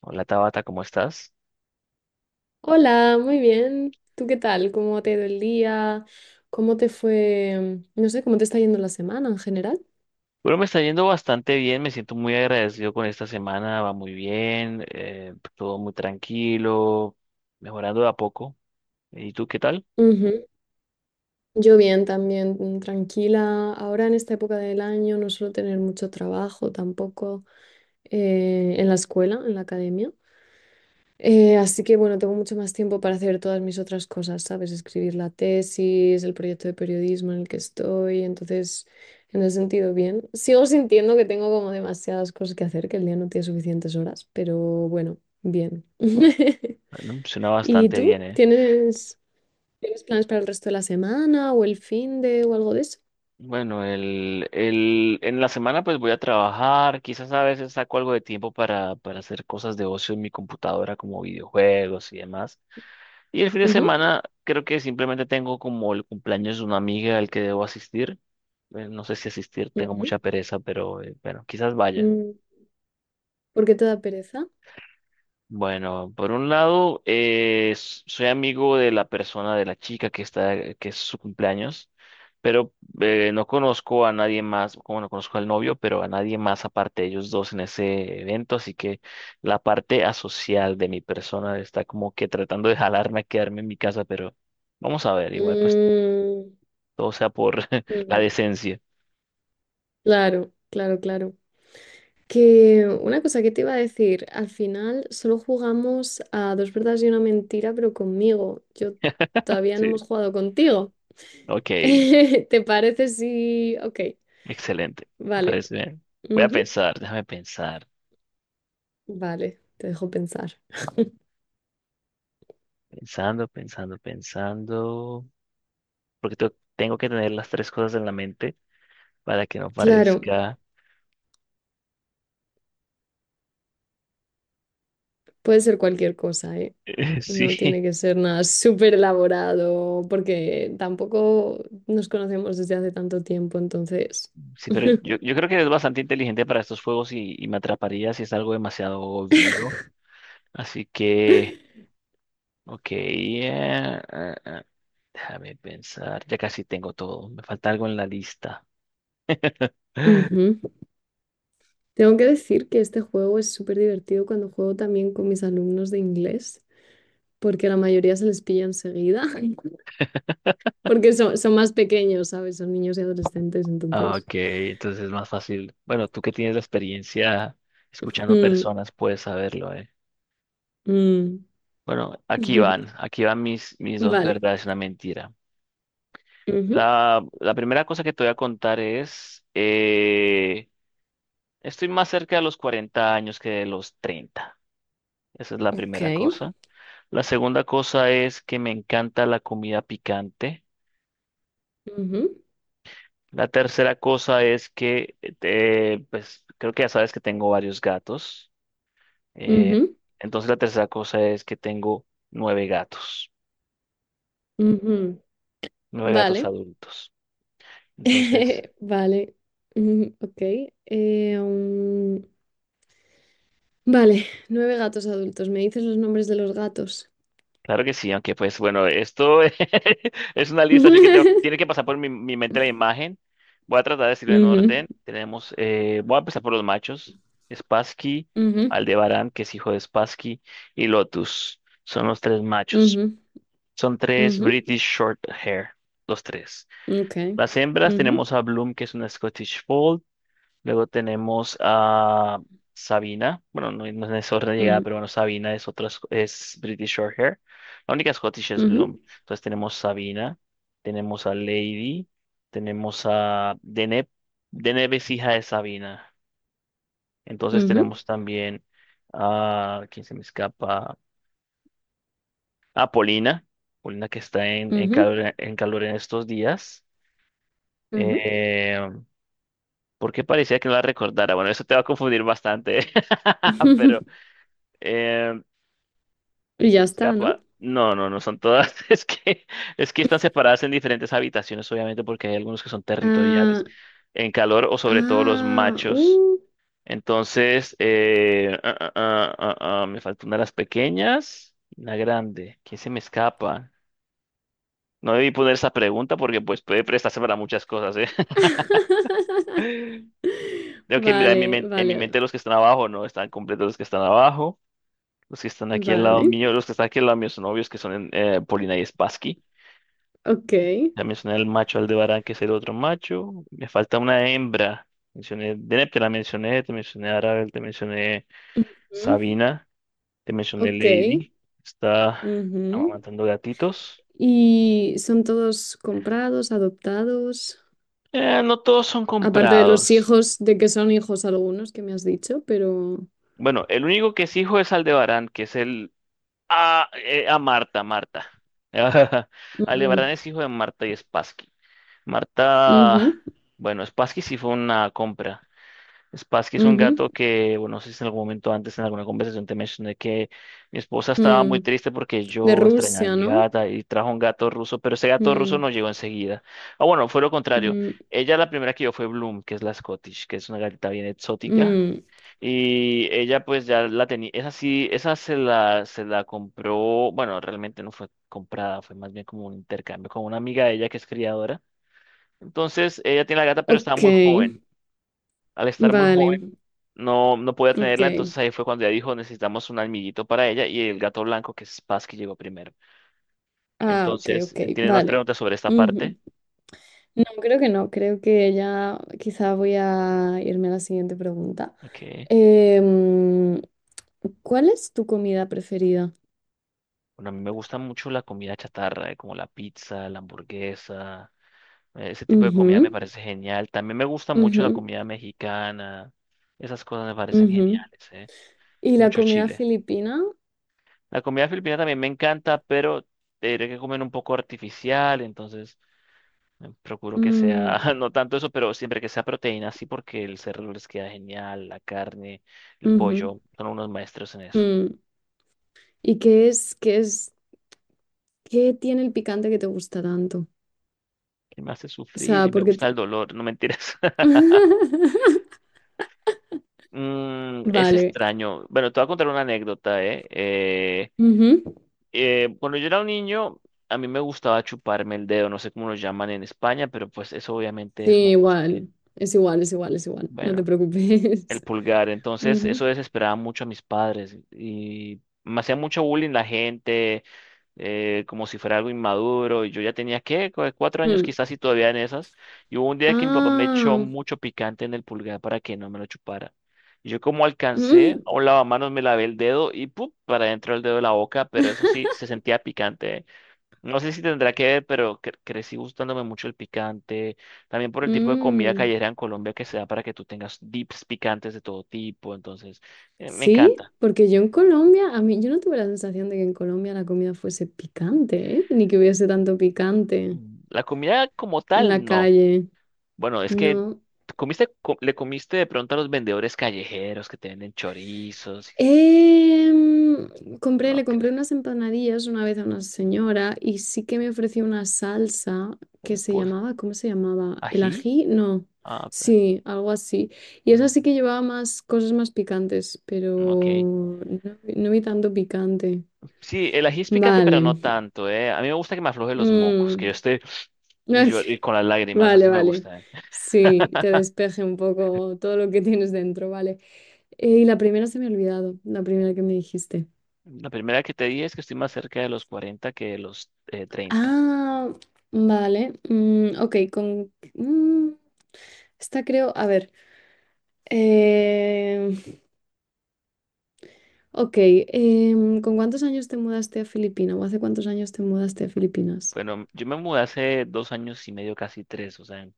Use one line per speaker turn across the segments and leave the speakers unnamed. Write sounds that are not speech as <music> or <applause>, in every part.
Hola Tabata, ¿cómo estás?
Hola, muy bien. ¿Tú qué tal? ¿Cómo te ha ido el día? ¿Cómo te fue? No sé, ¿cómo te está yendo la semana en general?
Bueno, me está yendo bastante bien, me siento muy agradecido con esta semana, va muy bien, todo muy tranquilo, mejorando de a poco. ¿Y tú qué tal?
Ujú. Yo bien también, tranquila. Ahora en esta época del año no suelo tener mucho trabajo tampoco en la escuela, en la academia. Así que bueno, tengo mucho más tiempo para hacer todas mis otras cosas, ¿sabes? Escribir la tesis, el proyecto de periodismo en el que estoy, entonces, en ese sentido, bien. Sigo sintiendo que tengo como demasiadas cosas que hacer, que el día no tiene suficientes horas, pero bueno, bien. <laughs>
Bueno, suena
¿Y
bastante bien,
tú?
¿eh?
¿Tienes planes para el resto de la semana o el fin de o algo de eso?
Bueno, en la semana pues voy a trabajar, quizás a veces saco algo de tiempo para hacer cosas de ocio en mi computadora como videojuegos y demás. Y el fin de
Ujú,
semana creo que simplemente tengo como el cumpleaños de una amiga al que debo asistir. No sé si asistir, tengo
ujú.
mucha pereza, pero bueno, quizás vaya.
Mm, ¿por qué te da pereza?
Bueno, por un lado, soy amigo de la persona, de la chica que está, que es su cumpleaños, pero no conozco a nadie más, como no conozco al novio, pero a nadie más aparte de ellos dos en ese evento, así que la parte asocial de mi persona está como que tratando de <laughs> jalarme a quedarme en mi casa, pero vamos a ver, igual pues
Mm,
todo sea por <laughs> la
mm,
decencia.
claro, claro, claro. Que una cosa que te iba a decir, al final solo jugamos a dos verdades y una mentira, pero conmigo. Yo todavía no
Sí,
hemos jugado contigo.
ok,
<laughs> ¿Te parece si... Ok,
excelente, me
vale.
parece bien. Voy a
Ujú,
pensar, déjame pensar.
vale, te dejo pensar.
Pensando, pensando, pensando. Porque tengo que tener las tres cosas en la mente para que no
Claro,
parezca. <laughs>
puede ser cualquier cosa, ¿eh? No
Sí,
tiene que ser nada súper elaborado, porque tampoco nos conocemos desde hace tanto tiempo, entonces...
sí, pero yo,
<laughs>
yo creo que es bastante inteligente para estos juegos y me atraparía si es algo demasiado obvio. Así que, ok, déjame pensar. Ya casi tengo todo. Me falta algo en la lista.
Ujú. Tengo que decir que este juego es súper divertido cuando juego también con mis alumnos de inglés, porque la mayoría se les pilla enseguida, <laughs> porque son más pequeños, ¿sabes? Son niños y adolescentes,
Ah,
entonces.
ok, entonces es más fácil. Bueno, tú que tienes la experiencia escuchando
Mm,
personas puedes saberlo, ¿eh?
mm.
Bueno, aquí
<laughs>
van, aquí van mis dos
Vale.
verdades y una mentira. La primera cosa que te voy a contar es, estoy más cerca de los 40 años que de los 30. Esa es la
Ujú.
primera
Ok.
cosa. La segunda cosa es que me encanta la comida picante.
Ujú,
La tercera cosa es que, pues creo que ya sabes que tengo varios gatos. Eh,
ujú,
entonces la tercera cosa es que tengo
ujú.
nueve gatos
Vale.
adultos. Entonces,
<laughs> Vale. Ujú, ok. Eh, um, Vale. Nueve gatos adultos. ¿Me dices los nombres de los gatos?
claro que sí, aunque pues bueno, esto <laughs> es una lista, así que tiene que
<laughs>
pasar por mi mente la imagen. Voy a tratar de decirlo en
Ujú,
orden. Tenemos, voy a empezar por los machos, Spassky,
ujú,
Aldebarán, que es hijo de Spassky, y Lotus. Son los tres machos.
ujú.
Son tres
Ujú,
British Short Hair, los tres.
ok.
Las hembras
Ujú,
tenemos a Bloom, que es una Scottish Fold. Luego tenemos a Sabina. Bueno, no, no es en ese orden de llegada,
ujú,
pero bueno, Sabina es otra, es British Shorthair. La única Scottish es
ujú,
Bloom. Entonces tenemos Sabina, tenemos a Lady, tenemos a Deneb. Deneb es hija de Sabina. Entonces
ujú,
tenemos también a, ¿quién se me escapa? A Polina. Polina que está en
ujú,
calor, en calor en estos días. Eh, ¿Por qué parecía que no la recordara? Bueno, eso te va a confundir bastante, <laughs>
ujú.
pero...
<laughs>
Eh,
Y
¿quién se
ya
me
está, ¿no?
escapa? No, no, no son todas. <laughs> Es que están separadas en diferentes habitaciones, obviamente, porque hay algunos que son
Ah,
territoriales en calor o sobre todo los
ah,
machos.
uh.
Entonces, me falta una de las pequeñas, una grande. ¿Quién se me escapa? No debí poner esa pregunta porque pues puede prestarse para muchas cosas, ¿eh? <laughs>
<laughs>
Tengo que mirar
Vale,
en mi
vale,
mente los que están abajo, ¿no? Están completos los que están abajo. Los que están aquí al lado
vale.
mío, los que están aquí al lado mío son obvios que son en, Polina y Spassky.
Ok.
Ya mencioné el macho Aldebarán, que es el otro macho. Me falta una hembra. Mencioné Deneb, te la mencioné, te mencioné Arabel, te mencioné
Ujú,
Sabina, te mencioné
ok.
Lady. Está
Ujú.
amamantando gatitos.
¿Y son todos comprados, adoptados?
No todos son
Aparte de los
comprados.
hijos, de que son hijos algunos que me has dicho, pero.
Bueno, el único que es hijo es Aldebarán, que es el... Ah, a Marta, Marta. <laughs>
Mm,
Aldebarán es hijo de Marta y Spassky. Marta...
ujú,
Bueno, Spassky sí fue una compra. Spassky es un
ujú,
gato que, bueno, no sé si en algún momento antes en alguna conversación te mencioné que mi esposa estaba
mm.
muy triste porque
¿De
yo extrañaba a
Rusia,
mi
no?
gata y trajo un gato ruso, pero ese gato ruso
Mm,
no llegó enseguida. Ah, bueno, fue lo contrario.
mm,
Ella la primera que yo fue Bloom, que es la Scottish, que es una gatita bien exótica.
mm.
Y ella pues ya la tenía, esa sí, esa se la compró, bueno, realmente no fue comprada, fue más bien como un intercambio con una amiga de ella que es criadora. Entonces, ella tiene la gata, pero estaba
Ok,
muy joven. Al estar muy
vale,
joven, no podía
ok.
tenerla, entonces ahí fue cuando ella dijo, necesitamos un almiguito para ella y el gato blanco, que es Paz, que llegó primero.
Ah, ok,
Entonces,
ok,
¿tienes más
vale.
preguntas sobre esta
Ujú.
parte?
No, creo que no, creo que ya quizá voy a irme a la siguiente pregunta.
Ok.
Em, ¿Cuál es tu comida preferida?
Bueno, a mí me gusta mucho la comida chatarra, como la pizza, la hamburguesa, ese tipo de comida me
Ujú,
parece genial. También me gusta mucho la
ujú,
comida mexicana, esas cosas me parecen
ujú.
geniales, ¿eh?
¿Y la
Mucho
comida
chile.
filipina?
La comida filipina también me encanta, pero tendré que comer un poco artificial, entonces... Procuro que
Mm,
sea, <laughs> no tanto eso, pero siempre que sea proteína, sí, porque el cerdo les queda genial, la carne, el
ujú,
pollo, son unos maestros en eso.
mm. ¿Y qué tiene el picante que te gusta tanto?
Y me hace
O
sufrir
sea,
y me
porque...
gusta
tú-
el dolor, no mentiras. <laughs>
<laughs>
Mm, es
Vale.
extraño. Bueno, te voy a contar una anécdota, ¿eh?
Ujú.
Cuando yo era un niño, a mí me gustaba chuparme el dedo, no sé cómo lo llaman en España, pero pues eso obviamente
Sí,
es una cosa que,
igual. Es igual, es igual, es igual. No te
bueno,
preocupes.
el pulgar.
<laughs>
Entonces, eso
Ujú.
desesperaba mucho a mis padres y me hacía mucho bullying la gente como si fuera algo inmaduro. Y yo ya tenía, ¿qué? 4 años
Mm.
quizás y todavía en esas. Y hubo un día que mi papá me echó
Ah.
mucho picante en el pulgar para que no me lo chupara. Y yo como alcancé,
Mm,
a un lavamanos me lavé el dedo y ¡pum! Para dentro del dedo de la boca, pero eso
<laughs>
sí, se sentía picante, ¿eh? No sé si tendrá que ver, pero crecí gustándome mucho el picante. También por el tipo de comida
mm.
callejera en Colombia que se da para que tú tengas dips picantes de todo tipo. Entonces, me
Sí,
encanta.
porque yo en Colombia, a mí, yo no tuve la sensación de que en Colombia la comida fuese picante, ¿eh? Ni que hubiese tanto picante
Mm, la comida como
en la
tal, no.
calle.
Bueno, es que
No.
comiste, le comiste de pronto a los vendedores callejeros que te venden chorizos.
Em, Compré,
No,
le
que,
compré unas empanadillas una vez a una señora y sí que me ofreció una salsa que
bueno,
se
pues,
llamaba, ¿cómo se llamaba? ¿El
ají.
ají? No.
Ah,
Sí, algo así. Y esa sí
mm,
que llevaba más cosas más picantes,
mm, ok.
pero no, no vi tanto picante.
Sí, el ají es picante, pero
Vale.
no tanto, ¿eh? A mí me gusta que me afloje los mocos, que yo
Mm.
esté y yo
<laughs>
y con las lágrimas,
Vale,
así me
vale.
gusta, ¿eh?
Sí, te despeje un poco todo lo que tienes dentro, vale. Y la primera se me ha olvidado, la primera que me dijiste.
La primera que te dije es que estoy más cerca de los 40 que de los 30.
Ah, vale. Ok, con... esta creo... A ver. eh, ok, ¿con cuántos años te mudaste a Filipinas? ¿O hace cuántos años te mudaste a Filipinas?
Bueno, yo me mudé hace 2 años y medio, casi tres, o sea, en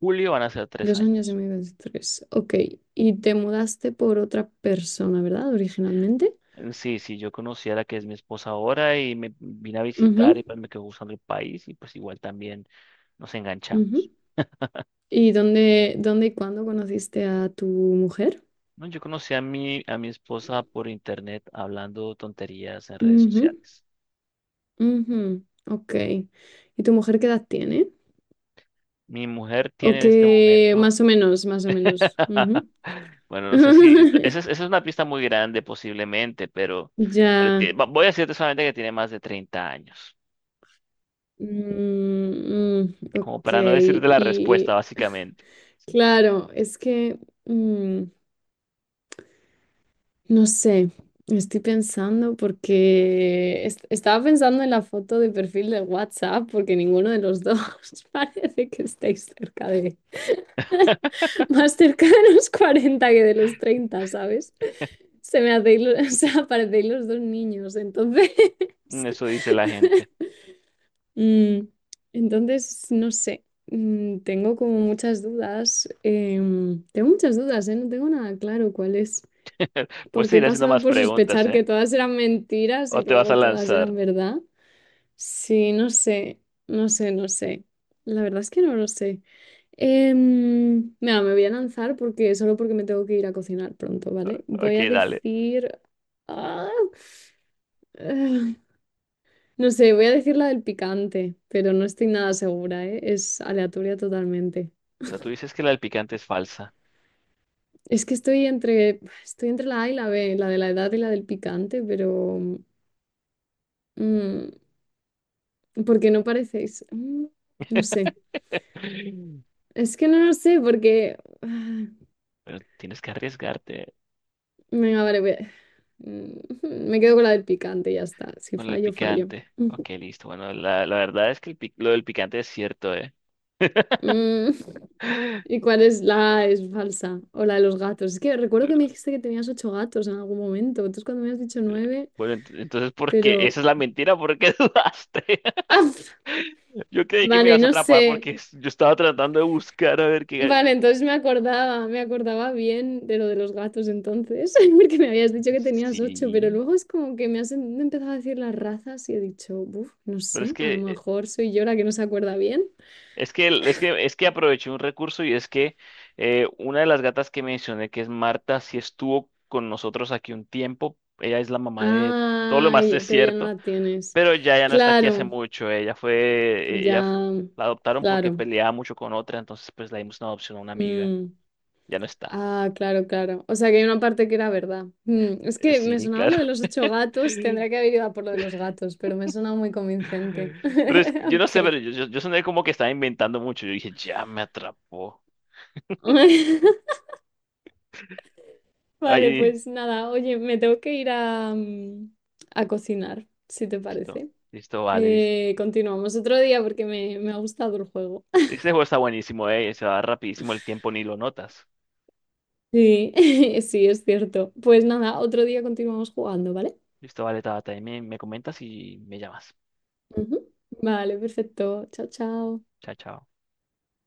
julio van a ser tres
Dos años y
años.
medio, tres. Ok, y te mudaste por otra persona, ¿verdad? Originalmente.
Sí, sí, yo conocí a la que es mi esposa ahora y me vine a visitar y
Ujú,
pues me quedó gustando el país y pues igual también nos
ujú.
enganchamos.
¿Y dónde y cuándo conociste a tu mujer?
No, yo conocí a a mi esposa por internet hablando tonterías en redes
Ujú,
sociales.
ujú, ok. ¿Y tu mujer qué edad tiene?
Mi mujer tiene
Ok,
en este momento,
más o menos, más o menos.
<laughs>
Ujú.
bueno, no sé si, esa es
<laughs>
una pista muy grande posiblemente, pero, pero
Ya.
tie- va- voy a decirte solamente que tiene más de 30 años,
Mm, mm,
como
ok,
para no decirte la respuesta
y
básicamente.
claro, es que mm, no sé, estoy pensando porque estaba pensando en la foto de perfil de WhatsApp porque ninguno de los dos <laughs> parece que estéis cerca de,
<laughs>
<laughs> más cerca de los 40 que de los treinta, ¿sabes? Se me hacéis, lo- <laughs> o sea, parecéis los dos niños, entonces. <laughs>
Eso dice la gente.
Mm, entonces, no sé, mm, tengo como muchas dudas. Tengo muchas dudas, ¿eh? No tengo nada claro cuál es.
Pues te
Porque he
iré haciendo
pasado
más
por
preguntas,
sospechar que
¿eh?
todas eran mentiras
O
y
te vas a
luego todas
lanzar.
eran verdad. Sí, no sé, no sé, no sé. La verdad es que no lo sé. Mira, me voy a lanzar porque solo porque me tengo que ir a cocinar pronto, ¿vale? Voy
Ok,
a
dale.
decir... ¡Ah! No sé, voy a decir la del picante, pero no estoy nada segura, ¿eh? Es aleatoria totalmente.
O sea, tú dices que la del picante es falsa.
Es que estoy entre la A y la B, la de la edad y la del picante, pero mm, porque no parecéis. Mm, no sé.
<laughs>
Es que no lo sé, porque. Ah,
Pero tienes que arriesgarte
venga, vale, voy a- mm, <laughs> me quedo con la del picante, ya está. Si
con el
fallo, fallo.
picante. Ok, listo. Bueno, la verdad es que el lo del picante es cierto, ¿eh? <laughs>
Mm, ¿y cuál es la es falsa? O la de los gatos. Es que recuerdo que me dijiste que tenías 8 gatos en algún momento. Entonces cuando me has dicho 9,
Bueno, entonces, ¿por qué?
pero...
Esa es la mentira, ¿por qué <laughs> dudaste?
¡Ah!
<laughs> Yo creí que me
Vale,
ibas a
no
atrapar
sé.
porque yo estaba tratando de buscar a ver qué...
Vale, entonces me acordaba bien de lo de los gatos entonces, <laughs> porque me habías dicho que tenías 8, pero
Sí,
luego es como que me has empezado a decir las razas y he dicho, uff, no
pero es
sé, a lo
que
mejor soy yo la que no se acuerda bien.
es que aproveché un recurso y es que una de las gatas que mencioné, que es Marta, sí estuvo con nosotros aquí un tiempo. Ella es la mamá de todo lo más <laughs> es
Ay, pero ya no
cierto,
la tienes.
pero ya, ya no está aquí hace
Claro,
mucho. Ella fue, e-,
ya,
ella fu- la adoptaron porque
claro.
peleaba mucho con otra, entonces pues le dimos una adopción a una amiga.
Mm,
Ya no está.
ah, claro, claro. O sea que hay una parte que era verdad. Mm, es que me
Sí,
sonaba
claro.
lo de los 8 gatos, tendría que haber ido a por lo de los gatos, pero me sonaba muy convincente.
<laughs> Pero es,
<laughs>
que yo no
Ok.
sé, pero yo soné como que estaba inventando mucho. Yo dije, ya me atrapó.
<laughs> Vale,
Ahí,
pues nada, oye, me tengo que ir a, a cocinar, si te
listo,
parece.
listo, vale.
Continuamos otro día porque me ha gustado el juego. <laughs>
Este juego está buenísimo, se va rapidísimo el tiempo, ni lo notas.
Sí, <laughs> sí, es cierto. Pues nada, otro día continuamos jugando, ¿vale?
Listo, vale, Tabata, ahí me comentas y me llamas.
Ujú. Vale, perfecto. Chao, chao.
Chao, chao.